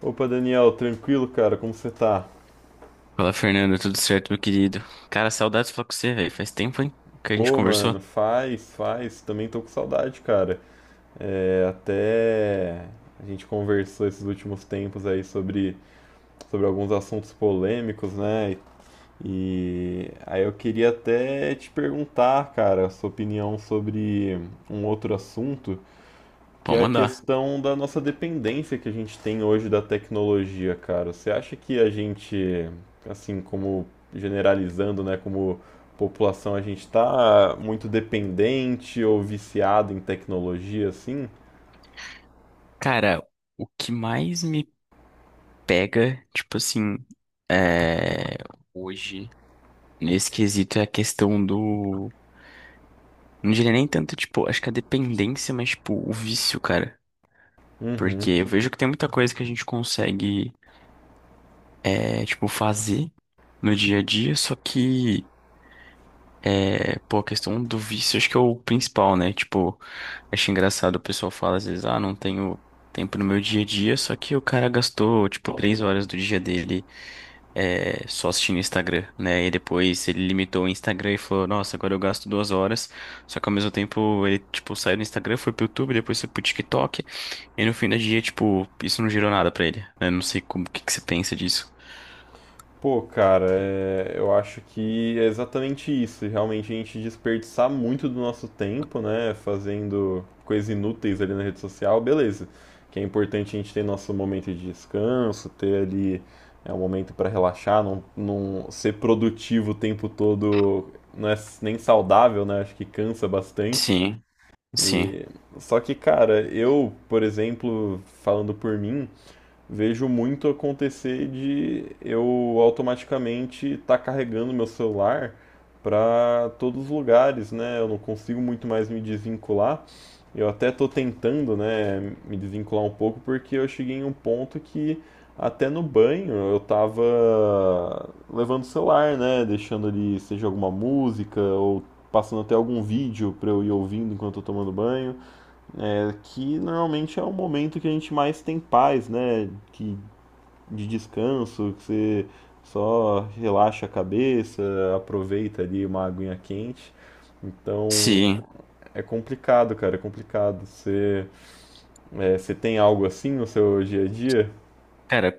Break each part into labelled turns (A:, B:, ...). A: Opa, Daniel, tranquilo, cara? Como você tá?
B: Fala, Fernando, tudo certo, meu querido? Cara, saudades de falar com você, velho. Faz tempo, hein, que a gente
A: Pô,
B: conversou?
A: mano, faz. Também tô com saudade, cara. É, até a gente conversou esses últimos tempos aí sobre alguns assuntos polêmicos, né? E aí eu queria até te perguntar, cara, a sua opinião sobre um outro assunto, que
B: Pô,
A: é a
B: mandar.
A: questão da nossa dependência que a gente tem hoje da tecnologia, cara. Você acha que a gente, assim, como generalizando, né, como população, a gente tá muito dependente ou viciado em tecnologia, assim?
B: Cara, o que mais me pega, tipo assim, é... hoje, nesse quesito, é a questão do. Não diria nem tanto, tipo, acho que a dependência, mas, tipo, o vício, cara.
A: Uhum.
B: Porque eu vejo que tem muita coisa que a gente consegue, tipo, fazer no dia a dia, só que. É, pô, a questão do vício, acho que é o principal, né? Tipo, acho engraçado o pessoal fala às vezes, ah, não tenho tempo no meu dia a dia, só que o cara gastou, tipo, 3 horas do dia dele só assistindo o Instagram, né? E depois ele limitou o Instagram e falou, nossa, agora eu gasto 2 horas, só que ao mesmo tempo ele, tipo, saiu do Instagram, foi pro YouTube, depois foi pro TikTok, e no fim do dia, tipo, isso não gerou nada pra ele, né? Não sei como, o que que você pensa disso.
A: Pô, cara, eu acho que é exatamente isso. Realmente a gente desperdiçar muito do nosso tempo, né, fazendo coisas inúteis ali na rede social, beleza. Que é importante a gente ter nosso momento de descanso, ter ali um momento para relaxar, não ser produtivo o tempo todo, não é nem saudável, né? Acho que cansa bastante.
B: Sim, sim,
A: E só que, cara, eu, por exemplo, falando por mim, vejo muito acontecer de eu automaticamente estar carregando meu celular para todos os lugares, né? Eu não consigo muito mais me desvincular. Eu até estou tentando, né, me desvincular um pouco porque eu cheguei em um ponto que até no banho eu estava levando o celular, né, deixando ali seja alguma música ou passando até algum vídeo para eu ir ouvindo enquanto eu tô tomando banho. É que normalmente é o momento que a gente mais tem paz, né, que de descanso, que você só relaxa a cabeça, aproveita ali uma aguinha quente. Então
B: sim.
A: é complicado, cara, é complicado. Você tem algo assim no seu dia a dia?
B: Cara,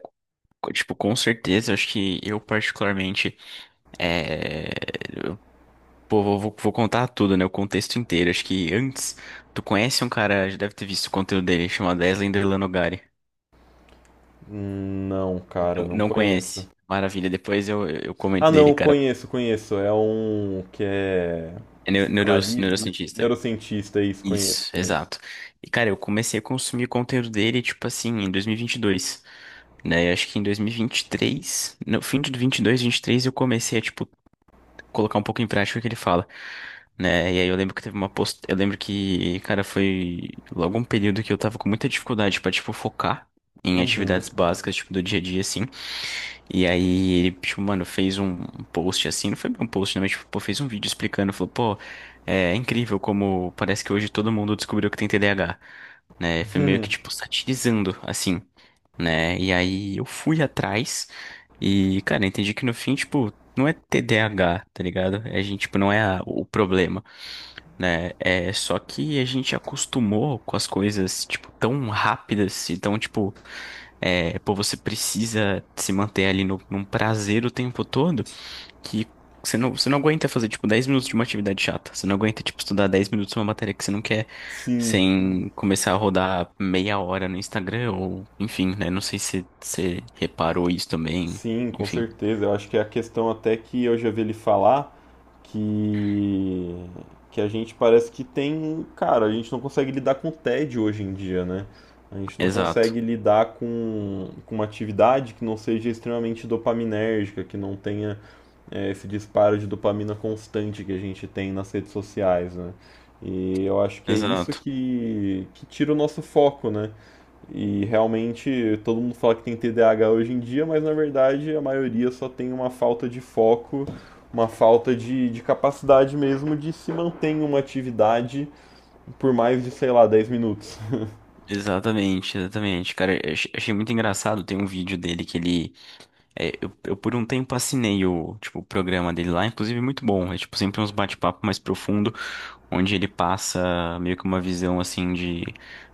B: Tipo, com certeza, acho que eu particularmente, é... eu- pô, vou contar tudo, né? O contexto inteiro. Acho que antes, tu conhece um cara, já deve ter visto o conteúdo dele, chamado Eslen Derlanogari.
A: Hum. Não,
B: Não,
A: cara, não
B: não
A: conheço.
B: conhece. Maravilha, depois eu comento
A: Ah,
B: dele,
A: não,
B: cara.
A: conheço, conheço. É um que é
B: É
A: psicanalista,
B: neurocientista.
A: neurocientista, isso, conheço,
B: Isso,
A: conheço.
B: exato. E, cara, eu comecei a consumir conteúdo dele, tipo assim, em dois mil e vinte e dois, né? Eu acho que em dois mil e vinte e três, no fim de dois e vinte vinte e três eu comecei a, tipo, colocar um pouco em prática o que ele fala, né? E aí eu lembro que teve uma post... eu lembro que, cara, foi logo um período que eu tava com muita dificuldade pra, tipo, focar em
A: Uhum.
B: atividades básicas, tipo do dia a dia assim. E aí ele, tipo, mano, fez um post assim, não foi bem um post, não, mas tipo, pô, fez um vídeo explicando, falou, pô, é incrível como parece que hoje todo mundo descobriu que tem TDAH, né? Foi meio que, tipo, satirizando, assim, né? E aí eu fui atrás e, cara, entendi que no fim, tipo, não é TDAH, tá ligado? A gente, tipo, não é a- o problema, né? É só que a gente acostumou com as coisas, tipo, tão rápidas e tão, tipo. É, pô, você precisa se manter ali no, num prazer o tempo todo que você não aguenta fazer, tipo, 10 minutos de uma atividade chata. Você não aguenta, tipo, estudar 10 minutos uma matéria que você não quer
A: Sim.
B: sem começar a rodar meia hora no Instagram ou, enfim, né? Não sei se você reparou isso também.
A: Sim, com
B: Enfim,
A: certeza. Eu acho que é a questão até que eu já vi ele falar que a gente parece que tem, cara, a gente não consegue lidar com o tédio hoje em dia, né? A gente não
B: exato,
A: consegue lidar com uma atividade que não seja extremamente dopaminérgica, que não tenha esse disparo de dopamina constante que a gente tem nas redes sociais, né? E eu acho que é isso
B: exato.
A: que tira o nosso foco, né? E realmente todo mundo fala que tem TDAH hoje em dia, mas na verdade a maioria só tem uma falta de foco, uma falta de capacidade mesmo de se manter em uma atividade por mais de, sei lá, 10 minutos.
B: Exatamente, exatamente. Cara, achei muito engraçado. Tem um vídeo dele que ele é, eu por um tempo assinei o, tipo, o programa dele lá, inclusive muito bom. É tipo sempre uns bate-papo mais profundo, onde ele passa meio que uma visão assim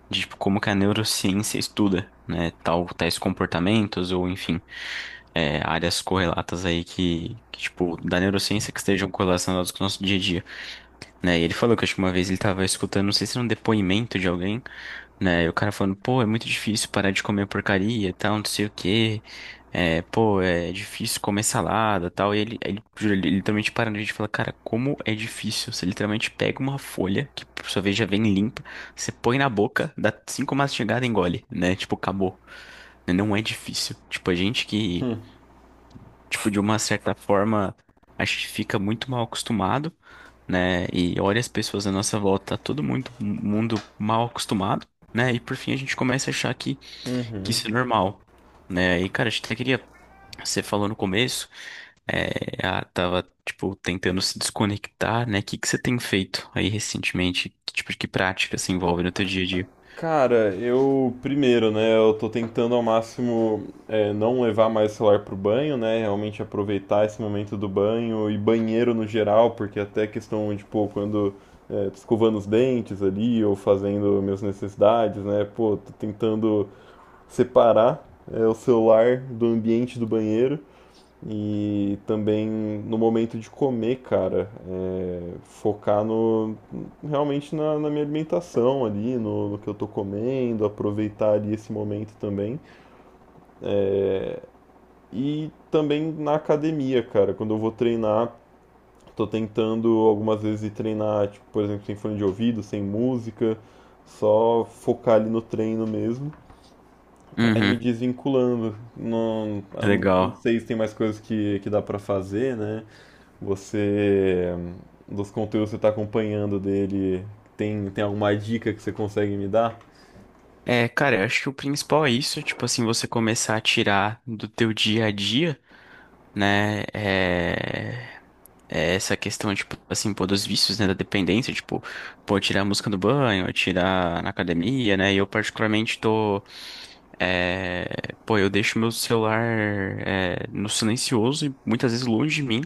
B: de tipo, como que a neurociência estuda, né, tal, tais comportamentos ou enfim, é, áreas correlatas aí que, tipo, da neurociência que estejam correlacionadas com o nosso dia a dia, né? E ele falou que acho que uma vez ele estava escutando, não sei se era um depoimento de alguém, né? E o cara falando, pô, é muito difícil parar de comer porcaria, tal, não sei o quê. É, pô, é difícil comer salada, tal. E ele, juro, ele literalmente para na gente e fala, cara, como é difícil. Você literalmente pega uma folha, que por sua vez já vem limpa, você põe na boca, dá 5 mastigadas e engole, né? Tipo, acabou, né? Não é difícil. Tipo, a gente que, tipo, de uma certa forma, a gente fica muito mal acostumado, né? E olha as pessoas à nossa volta, tá todo mundo, mundo mal acostumado, né? E por fim a gente começa a achar que isso é normal, né? E cara, a gente até queria, você falou no começo, é, ah, tava, tipo, tentando se desconectar, né? O que que você tem feito aí recentemente? Que tipo de que prática se envolve no teu dia a dia?
A: Cara, eu primeiro, né, eu tô tentando ao máximo não levar mais o celular pro banho, né, realmente aproveitar esse momento do banho e banheiro no geral, porque até questão de, pô, quando tô escovando os dentes ali ou fazendo minhas necessidades, né, pô, tô tentando separar o celular do ambiente do banheiro. E também no momento de comer, cara, focar no realmente na minha alimentação ali, no que eu tô comendo, aproveitar ali esse momento também. E também na academia, cara, quando eu vou treinar, tô tentando algumas vezes ir treinar, tipo, por exemplo, sem fone de ouvido, sem música, só focar ali no treino mesmo, pra ir me
B: Uhum,
A: desvinculando. Não, eu não
B: legal.
A: sei se tem mais coisas que dá pra fazer, né? Você, dos conteúdos que você tá acompanhando dele, tem alguma dica que você consegue me dar?
B: É, cara, eu acho que o principal é isso, tipo assim, você começar a tirar do teu dia a dia, né, é essa questão, tipo, assim, pô, dos vícios, né, da dependência, tipo, pô, tirar a música do banho, tirar na academia, né, e eu particularmente tô, é, pô, eu deixo meu celular, é, no silencioso e muitas vezes longe de mim,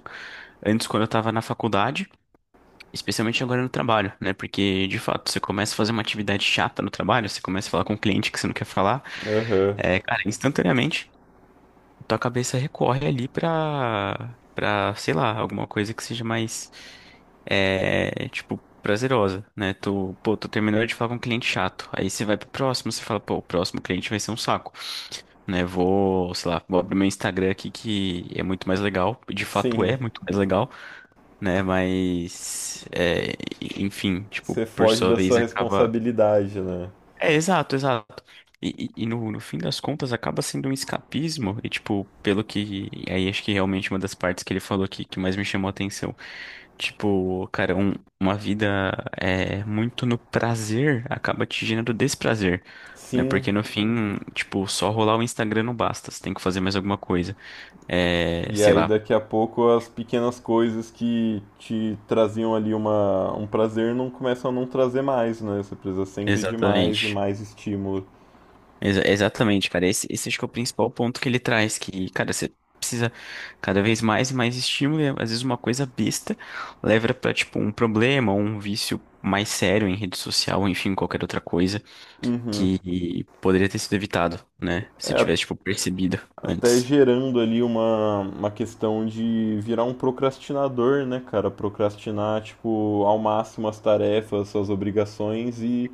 B: antes quando eu tava na faculdade, especialmente agora no trabalho, né, porque, de fato, você começa a fazer uma atividade chata no trabalho, você começa a falar com um cliente que você não quer falar,
A: Aham.
B: é, cara, instantaneamente tua cabeça recorre ali pra, pra, sei lá, alguma coisa que seja mais, é, tipo, prazerosa, né? Tu, pô, tu terminou de falar com um cliente chato, aí você vai pro próximo, você fala, pô, o próximo cliente vai ser um saco, né? Vou, sei lá, vou abrir meu Instagram aqui que é muito mais legal, de fato
A: Sim,
B: é muito mais legal, né? Mas, é, enfim, tipo,
A: você
B: por
A: foge
B: sua
A: da
B: vez
A: sua
B: acaba
A: responsabilidade, né?
B: é, exato, exato. E, no, no fim das contas acaba sendo um escapismo, e tipo, pelo que. Aí acho que realmente uma das partes que ele falou que mais me chamou a atenção. Tipo, cara, uma vida é, muito no prazer acaba te gerando desprazer, né?
A: Sim,
B: Porque no fim, tipo, só rolar o Instagram não basta, você tem que fazer mais alguma coisa. É,
A: e
B: sei
A: aí
B: lá,
A: daqui a pouco as pequenas coisas que te traziam ali um prazer não começam a não trazer mais, né? Você precisa sempre de mais e
B: exatamente.
A: mais estímulo.
B: Exatamente, cara. Esse acho que é o principal ponto que ele traz, que, cara, você precisa cada vez mais e mais estímulo, e é, às vezes uma coisa besta leva pra, tipo, um problema, ou um vício mais sério em rede social, enfim, qualquer outra coisa
A: Uhum.
B: que poderia ter sido evitado, né? Se
A: É,
B: tivesse, tipo, percebido
A: até
B: antes.
A: gerando ali uma questão de virar um procrastinador, né, cara? Procrastinar, tipo, ao máximo as tarefas, suas obrigações e,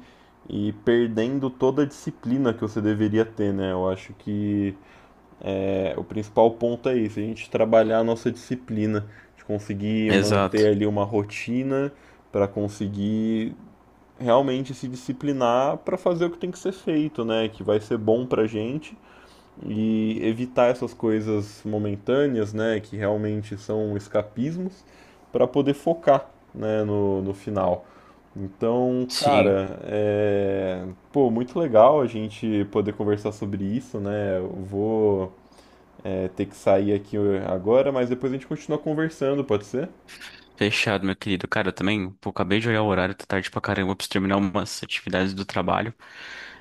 A: e perdendo toda a disciplina que você deveria ter, né? Eu acho que o principal ponto é isso, a gente trabalhar a nossa disciplina, de conseguir manter
B: Exato.
A: ali uma rotina para conseguir realmente se disciplinar para fazer o que tem que ser feito, né? Que vai ser bom pra gente e evitar essas coisas momentâneas, né, que realmente são escapismos, para poder focar, né, no final. Então,
B: Sim.
A: cara, é... pô, muito legal a gente poder conversar sobre isso, né? Eu vou ter que sair aqui agora, mas depois a gente continua conversando, pode ser?
B: Fechado, meu querido. Cara, eu também, pô, acabei de olhar o horário, tá tarde pra caramba, eu preciso terminar umas atividades do trabalho.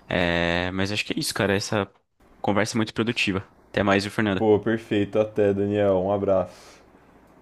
B: É, mas acho que é isso, cara. Essa conversa é muito produtiva. Até mais, viu,
A: Pô,
B: Fernanda?
A: perfeito, até, Daniel, um abraço.